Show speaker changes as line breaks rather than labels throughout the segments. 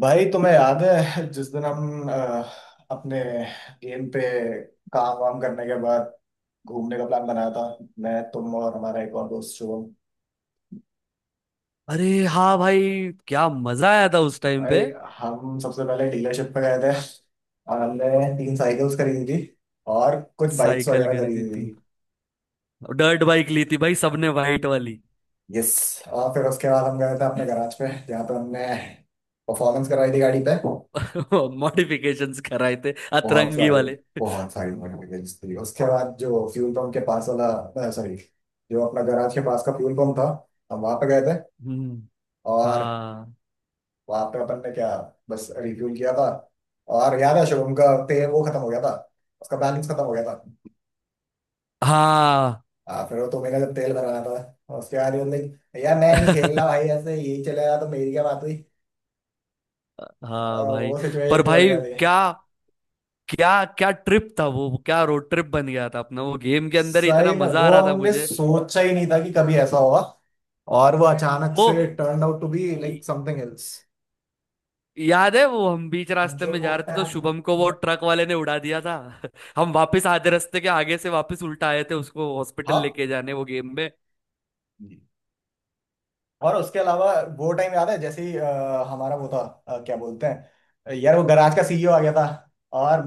भाई, तुम्हें याद है जिस दिन हम अपने गेम पे काम वाम करने के बाद घूमने का प्लान बनाया था? मैं, तुम और हमारा एक और दोस्त शुभम।
अरे हाँ भाई। क्या मजा आया था उस टाइम पे।
भाई, हम सबसे पहले डीलरशिप पे गए थे और हमने तीन साइकिल्स खरीदी थी, और कुछ बाइक्स
साइकिल
वगैरह
खरीदी
खरीदी थी।
थी। डर्ट बाइक ली थी भाई सबने वाइट वाली।
यस। और फिर उसके बाद हम गए थे अपने गराज पे जहाँ पे हमने परफॉर्मेंस करवाई थी गाड़ी पे।
मॉडिफिकेशंस कराए थे
बहुत
अतरंगी
सारी,
वाले।
बहुत सारी नोटिफिकेशन थी। उसके बाद जो फ्यूल पंप के पास वाला, सॉरी, जो अपना गराज के पास का फ्यूल पंप था, हम वहां पे गए थे।
हम्म।
और
हाँ
वहां पे अपन ने क्या, बस रिफ्यूल किया था। और याद है शुभम का तेल वो खत्म हो गया था, उसका बैलेंस खत्म हो गया था।
हाँ।
हाँ, फिर वो तुम्हें जब तेल भराना था उसके बाद ये बोलते, यार मैं नहीं खेलना भाई, ऐसे यही चलेगा तो मेरी क्या बात हुई।
हाँ भाई।
वो
पर
सिचुएशन भी
भाई
बढ़िया थी।
क्या क्या क्या ट्रिप था वो। क्या रोड ट्रिप बन गया था अपना वो गेम के अंदर ही इतना
सही में,
मजा आ
वो
रहा था
हमने
मुझे।
सोचा ही नहीं था कि कभी ऐसा होगा, और वो अचानक
वो
से turn out to be like something else.
याद है वो हम बीच रास्ते में जा रहे थे तो शुभम को वो ट्रक वाले ने उड़ा दिया था। हम वापस आधे रास्ते के आगे से वापस उल्टा आए थे उसको हॉस्पिटल
हाँ
लेके जाने, वो गेम में।
जी। और उसके अलावा वो टाइम याद है जैसे ही हमारा वो था, क्या बोलते हैं यार, वो गराज का सीईओ आ गया था, और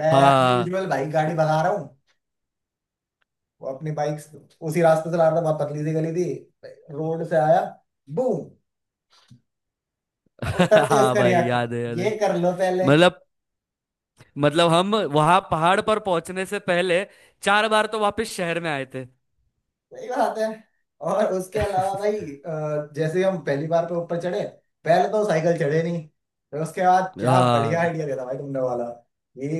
मैं भी
हाँ।
यूजुअल बाइक गाड़ी भगा रहा हूँ। वो अपनी बाइक उसी रास्ते से ला रहा था, बहुत पतली सी गली थी। रोड से आया, बूम। उतरते ही
हाँ
उसका
भाई
रिएक्ट,
याद है याद है।
ये कर लो पहले।
मतलब मतलब हम वहां पहाड़ पर पहुंचने से पहले चार बार तो वापस शहर में आए थे।
सही बात है। और उसके अलावा भाई, जैसे ही हम पहली बार पे ऊपर चढ़े, पहले तो साइकिल चढ़े नहीं। फिर उसके बाद क्या बढ़िया
हाँ।
आइडिया देता भाई तुमने वाला। ये,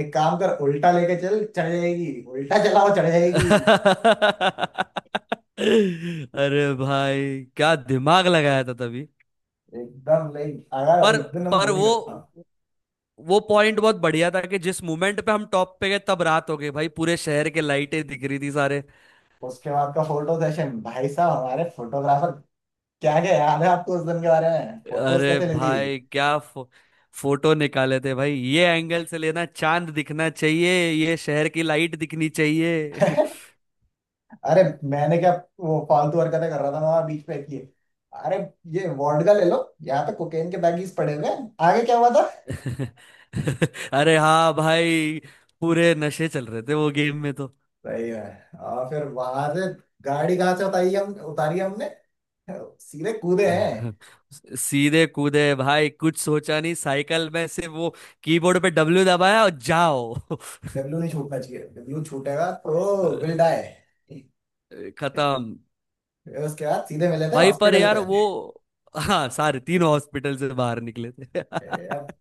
एक काम कर, उल्टा लेके चल, चढ़ जाएगी। उल्टा चलाओ, चढ़ जाएगी।
अरे भाई क्या दिमाग लगाया था तभी।
एकदम नहीं। अगर
पर
उस दिन हम
पर
वो नहीं
वो
करता।
वो पॉइंट बहुत बढ़िया था कि जिस मोमेंट पे हम टॉप पे गए तब रात हो गई भाई, पूरे शहर के लाइटें दिख रही थी सारे।
उसके बाद का फोटो सेशन भाई साहब, हमारे फोटोग्राफर। क्या क्या याद है आपको उस दिन के बारे में फोटोज
अरे
कैसे लेती।
भाई क्या फोटो निकाले थे भाई, ये एंगल से लेना, चांद दिखना चाहिए, ये शहर की लाइट दिखनी चाहिए।
अरे, मैंने क्या? वो फालतू हरकतें कर रहा था वहां, बीच पे किए। अरे, ये वोडका ले लो, यहाँ पे कोकेन के बैगीज पड़े हुए हैं, आगे क्या हुआ था।
अरे हाँ भाई, पूरे नशे चल रहे थे वो गेम में तो।
सही है। और फिर वहां से गाड़ी कहाँ से उतारी हम, उतारी हमने, सीधे कूदे हैं।
अह, सीधे कूदे भाई, कुछ सोचा नहीं, साइकिल में से वो कीबोर्ड पे डब्ल्यू दबाया और जाओ।
W नहीं छूटना चाहिए। W छूटेगा तो विल डाई।
खत्म।
उसके बाद सीधे मिले थे
भाई पर
हॉस्पिटल
यार
पे।
वो, हाँ सारे तीनों हॉस्पिटल से बाहर निकले थे।
ए, अब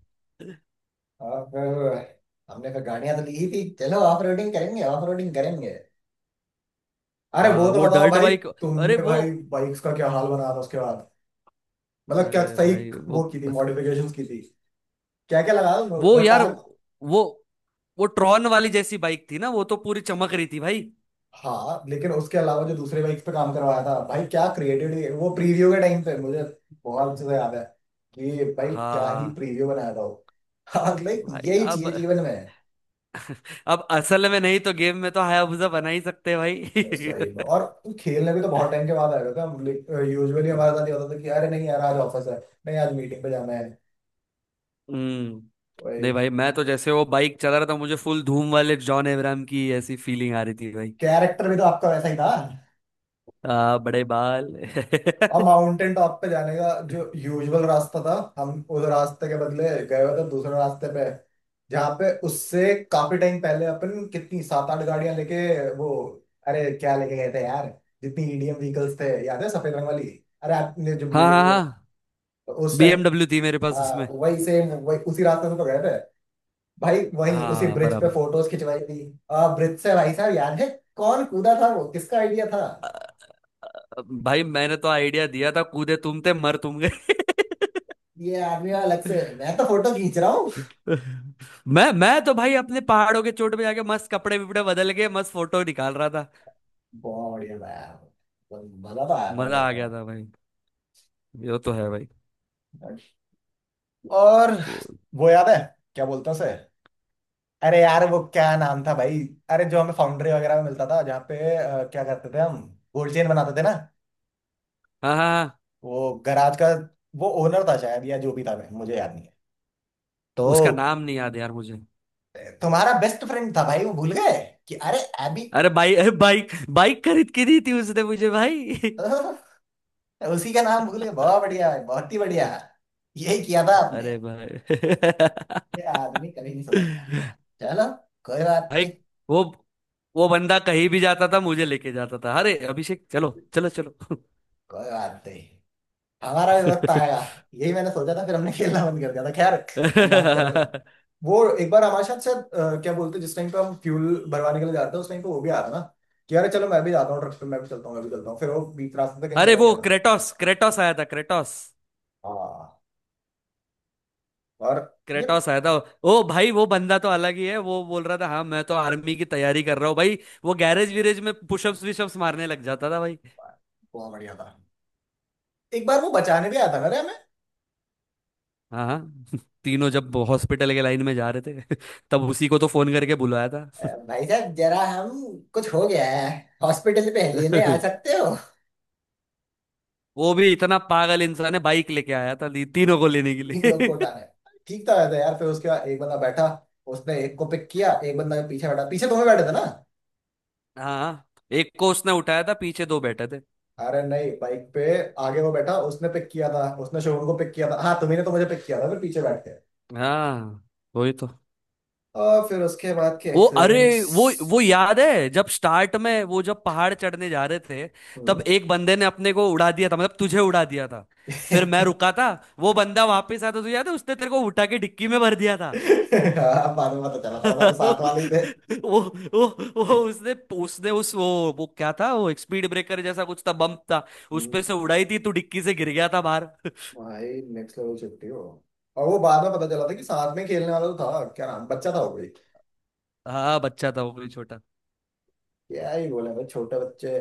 अब फिर हमने फिर गाड़ियां तो ली ही थी। चलो, ऑफ रोडिंग करेंगे, ऑफ रोडिंग करेंगे। अरे वो
हाँ
तो
वो
बताओ
डर्ट
भाई।
बाइक, अरे
तुमने
वो,
भाई बाइक्स का क्या हाल बनाया था उसके बाद, मतलब क्या
अरे
सही।
भाई
वो
वो
की थी मॉडिफिकेशंस की थी, क्या क्या लगा
वो
वो
यार
टायर।
वो वो ट्रॉन वाली जैसी बाइक थी ना, वो तो पूरी चमक रही थी भाई।
हाँ, लेकिन उसके अलावा जो दूसरे बाइक्स पे काम करवाया था, भाई क्या क्रिएटिविटी! वो प्रीव्यू के टाइम पे मुझे बहुत अच्छे से याद है कि भाई क्या ही
हाँ
प्रीव्यू बनाया था वो। हाँ, लाइक
भाई
यही
अब
चाहिए जीवन में।
अब असल में नहीं तो गेम में तो हायाबुसा बना ही सकते हैं भाई।
सही में। और खेलने भी तो बहुत टाइम के बाद आया था। यूजुअली हमारे साथ ये होता था कि अरे नहीं यार, आज ऑफिस है, नहीं आज मीटिंग पे जाना है।
हम्म। नहीं भाई मैं तो जैसे वो बाइक चला रहा था, मुझे फुल धूम वाले जॉन अब्राहम की ऐसी फीलिंग आ रही थी भाई।
कैरेक्टर भी तो आपका वैसा ही था।
बड़े बाल।
अब माउंटेन टॉप पे जाने का जो यूजुअल रास्ता था, हम उस रास्ते के बदले गए हुए थे दूसरे रास्ते पे, जहाँ पे उससे काफी टाइम पहले अपन कितनी सात आठ गाड़ियां लेके, वो, अरे क्या लेके गए थे यार, जितनी ईडीएम व्हीकल्स थे, याद है सफेद रंग वाली, अरे आपने जो
हाँ हाँ
बीएमडब्ल्यू
हाँ।
उस टाइम।
बीएमडब्ल्यू थी मेरे पास
हाँ,
उसमें।
वही सेम वही उसी रास्ते से तो गए थे भाई, वही उसी
हाँ
ब्रिज पे
बराबर।
फोटोज खिंचवाई थी। ब्रिज से भाई साहब याद है, कौन कूदा था वो? किसका आइडिया था?
भाई मैंने तो आइडिया दिया था, कूदे तुम थे, मर तुम गए।
ये आदमी अलग से, मैं तो फोटो खींच रहा हूँ।
मैं तो भाई अपने पहाड़ों के चोट पे जाके मस्त कपड़े विपड़े बदल के मस्त फोटो निकाल रहा था।
बहुत बढ़िया था। मजा तो आया था वो
मजा आ
करने
गया था भाई। ये तो है भाई।
में। और
वो-
वो याद है? क्या बोलते हैं उसे? अरे यार वो क्या नाम था भाई? अरे जो हमें फाउंड्री वगैरह में मिलता था, जहाँ पे क्या करते थे हम? गोल्ड चेन बनाते थे ना।
हाँ हाँ हाँ।
वो गराज का वो ओनर था शायद, या जो भी था, मैं, मुझे याद नहीं है
उसका
तो।
नाम नहीं याद यार मुझे।
तुम्हारा बेस्ट फ्रेंड था भाई, वो भूल गए कि अरे एबी।
अरे भाई, अरे बाइक बाइक खरीद के दी थी उसने मुझे भाई।
उसी का नाम भूल गए? बहुत बढ़िया भाई, बहुत ही बढ़िया। यही किया था आपने।
अरे भाई।
ये आदमी कभी नहीं सुधरता। चलो, कोई बात
भाई
नहीं।
वो वो बंदा कहीं भी जाता था मुझे लेके जाता था, अरे अभिषेक चलो चलो चलो।
कोई बात नहीं, हमारा भी वक्त आएगा। यही मैंने सोचा था, फिर हमने खेलना बंद कर दिया था खैर। हम बात कर रहे- वो एक बार हमारे साथ शायद, क्या बोलते हैं, जिस टाइम पे हम फ्यूल भरवाने के लिए जाते हैं, उस टाइम पे वो भी आया था ना, कि अरे चलो मैं भी जाता हूँ ट्रक पे, मैं भी चलता हूँ, मैं भी चलता हूँ। फिर वो बीच रास्ते से कहीं
अरे
चला
वो
गया था।
क्रेटोस क्रेटोस आया था क्रेटोस।
हाँ, और ये
क्रेटोस आया था। ओ भाई वो बंदा तो अलग ही है, वो बोल रहा था हाँ मैं तो आर्मी की तैयारी कर रहा हूँ भाई। वो गैरेज वीरेज में पुशअप्स विशअप्स मारने लग जाता था भाई।
बहुत बढ़िया था। एक बार वो बचाने भी आया था ना रे हमें।
हाँ हाँ। तीनों जब हॉस्पिटल के लाइन में जा रहे थे तब उसी को तो फोन करके बुलाया था।
भाई साहब जरा, हम, कुछ हो गया है, हॉस्पिटल पे लेने आ सकते हो?
वो भी इतना पागल इंसान है, बाइक लेके आया था तीनों को लेने के
इन लोग
लिए।
को उठाने ठीक था वैसे यार। फिर उसके बाद एक बंदा बैठा, उसने एक को पिक किया, एक बंदा पीछे बैठा, पीछे तुम्हें बैठे थे ना?
हाँ। एक को उसने उठाया था, पीछे दो बैठे थे।
अरे नहीं बाइक पे, आगे वो बैठा, उसने पिक किया था, उसने शोरूम को पिक किया था। हाँ, तुम्ही ने तो मुझे पिक किया था, फिर पीछे बैठ के।
हाँ वही तो।
और फिर उसके बाद के
वो, अरे
एक्सीडेंट्स।
वो याद है जब स्टार्ट में वो जब पहाड़ चढ़ने जा रहे थे, तब
हम्म।
एक बंदे ने अपने को उड़ा दिया था, मतलब तुझे उड़ा दिया था। फिर मैं रुका था। वो बंदा वापस आया था, तुझे याद है, उसने तेरे को उठा के डिक्की में भर दिया था।
हाँ, बाद में पता चला था साले साथ वाले ही थे।
वो वो वो उसने उसने उस वो क्या था, वो एक स्पीड ब्रेकर जैसा कुछ था, बम्प था। उस
हम्म,
पे से उड़ाई थी, तू डिक्की से गिर गया था बाहर।
भाई नेक्स्ट लेवल छुट्टी हो। और वो बाद में पता चला था कि साथ में खेलने वाला तो था क्या नाम, बच्चा था वो कोई।
हाँ बच्चा था वो भी, छोटा।
क्या ही बोले भाई छोटे बच्चे।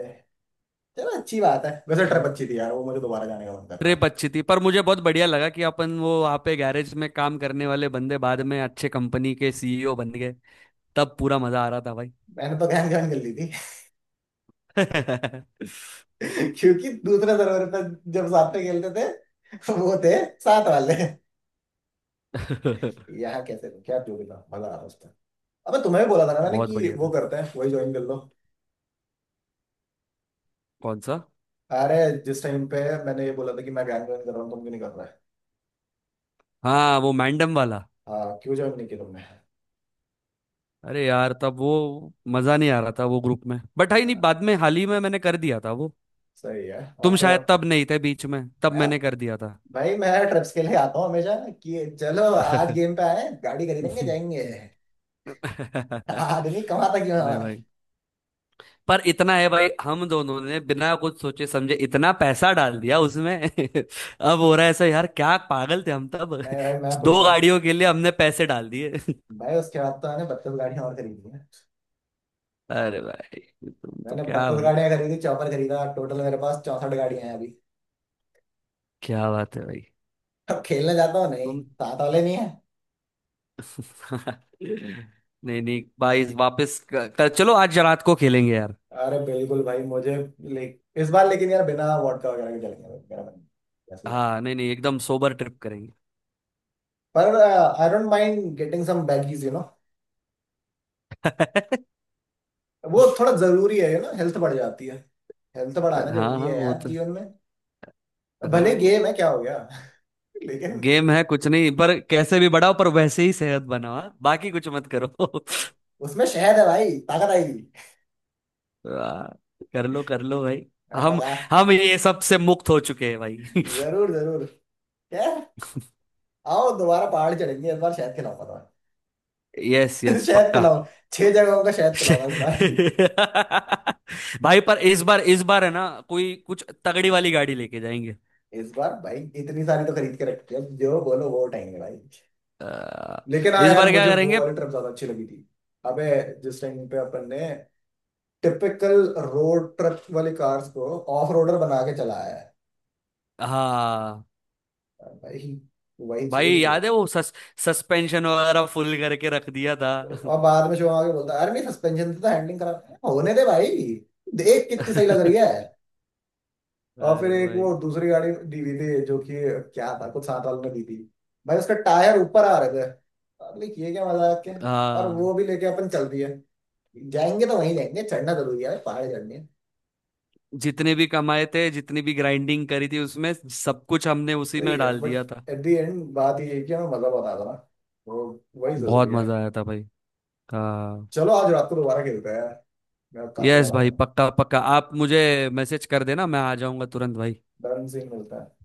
चलो अच्छी बात है वैसे, ट्रिप
भाई
अच्छी थी यार, वो मुझे दोबारा जाने का मन कर रहा है।
ट्रिप अच्छी थी, पर मुझे बहुत बढ़िया लगा कि अपन वो वहाँ पे गैरेज में काम करने वाले बंदे बाद में अच्छे कंपनी के सीईओ बन गए। तब पूरा मजा आ रहा था भाई।
मैंने तो गहन गहन कर ली थी। क्योंकि दूसरे सर्वर पर जब साथ में खेलते थे, वो थे साथ वाले। यहाँ कैसे, क्या जोड़ी था, मजा आ रहा उसमें। अबे, तुम्हें भी बोला था ना मैंने
बहुत
कि
बढ़िया
वो
था।
करते हैं, वही ज्वाइन कर लो।
कौन सा?
अरे, जिस टाइम पे मैंने ये बोला था कि मैं गैंग ज्वाइन कर रहा हूँ, तुम क्यों नहीं कर रहे?
हाँ वो मैंडम वाला।
हाँ, क्यों ज्वाइन नहीं किया तुमने?
अरे यार तब वो मजा नहीं आ रहा था वो ग्रुप में, बट है नहीं,
हाँ,
बाद में हाल ही में मैंने कर दिया था वो।
सही है। और
तुम
फिर
शायद तब नहीं थे बीच में, तब
मैं,
मैंने कर दिया था।
भाई मैं ट्रिप्स के लिए आता हूँ हमेशा, कि चलो आज गेम पे आए, गाड़ी खरीदेंगे,
नहीं
जाएंगे। आदमी कमाता क्यों है हमारा?
भाई, पर इतना है भाई, हम दोनों ने बिना कुछ सोचे समझे इतना पैसा डाल दिया उसमें। अब हो रहा है ऐसा यार, क्या पागल थे हम तब।
नहीं भाई, मैं खुश
दो
हूँ।
गाड़ियों के लिए हमने पैसे डाल दिए।
भाई, उसके बाद तो मैंने 32 गाड़ियां और खरीदी हैं।
अरे भाई, तुम तो
मैंने
क्या
बत्तीस
भाई।
गाड़ियां खरीदी, चौपर खरीदा, टोटल मेरे पास 64 गाड़ियां हैं अभी।
क्या बात है भाई।
अब खेलने जाता हूँ नहीं,
तुम।
साथ वाले नहीं है।
नहीं नहीं भाई, वापस चलो आज रात को खेलेंगे यार।
अरे बिल्कुल भाई, मुझे ले इस बार। लेकिन यार बिना वॉडका वगैरह के चलेंगे भाई, मेरा मन कैसे जाने का।
हाँ नहीं नहीं, एकदम सोबर ट्रिप करेंगे।
पर I don't mind getting some baggies. वो थोड़ा जरूरी है, हेल्थ बढ़ जाती है। हेल्थ बढ़ाना
हाँ
जरूरी
हाँ
है
वो
यार,
तो।
जीवन में। भले
हाँ,
गेम है, क्या हो गया। लेकिन।
गेम है कुछ नहीं, पर कैसे भी बढ़ाओ, पर वैसे ही सेहत बनाओ, हाँ? बाकी कुछ मत करो।
उसमें शहद है भाई, ताकत आएगी।
वाह, कर लो भाई।
हाँ,
हम
बगा।
हम ये सब से मुक्त हो चुके हैं भाई।
जरूर जरूर। क्या! आओ दोबारा पहाड़ चढ़ेंगे, इस बार शहद खिलाऊंगा।
यस यस
शहद
पक्का।
पिलाओ। छह जगहों का शहद पिलाओ इस बार।
भाई, पर इस बार, इस बार है ना, कोई कुछ तगड़ी वाली गाड़ी लेके जाएंगे।
इस बार भाई इतनी सारी तो खरीद के रखी है, अब जो बोलो वो उठाएंगे भाई।
अ,
लेकिन हाँ
इस
यार,
बार क्या
मुझे वो
करेंगे?
वाली ट्रिप ज्यादा अच्छी लगी थी। अबे, जिस टाइम पे अपन ने टिपिकल रोड ट्रिप वाली कार्स को ऑफ रोडर बना के चलाया
हाँ
है भाई, वही
भाई
चाहिए चाहिए।
याद है, वो सस्पेंशन वगैरह फुल करके रख दिया था।
और बाद में जो आगे बोलता है, अरे नहीं, सस्पेंशन से तो हैंडलिंग खराब है, होने दे भाई, देख कितनी सही लग
अरे
रही है। और फिर एक वो
भाई,
दूसरी गाड़ी दी हुई थी, जो कि क्या था, कुछ साथ वालों ने दी थी। भाई उसका टायर ऊपर आ रहे थे, लाइक ये क्या मजाक है। और
हाँ,
वो भी लेके अपन चल दिए। जाएंगे तो वहीं जाएंगे, चढ़ना जरूरी है, पहाड़ चढ़नी है।
जितने भी कमाए थे जितनी भी ग्राइंडिंग करी थी उसमें, सब कुछ हमने उसी
सही
में
है।
डाल
बट
दिया था।
एट द एंड बात ये है कि हमें मजा बता था ना, वो, वही
बहुत
जरूरी है।
मजा आया था भाई। हाँ।
चलो आज रात को दोबारा खेलते हैं। मैं काफी
यस
बड़ा।
भाई पक्का पक्का, आप मुझे मैसेज कर देना, मैं आ जाऊंगा तुरंत भाई।
डन। सीन मिलता है।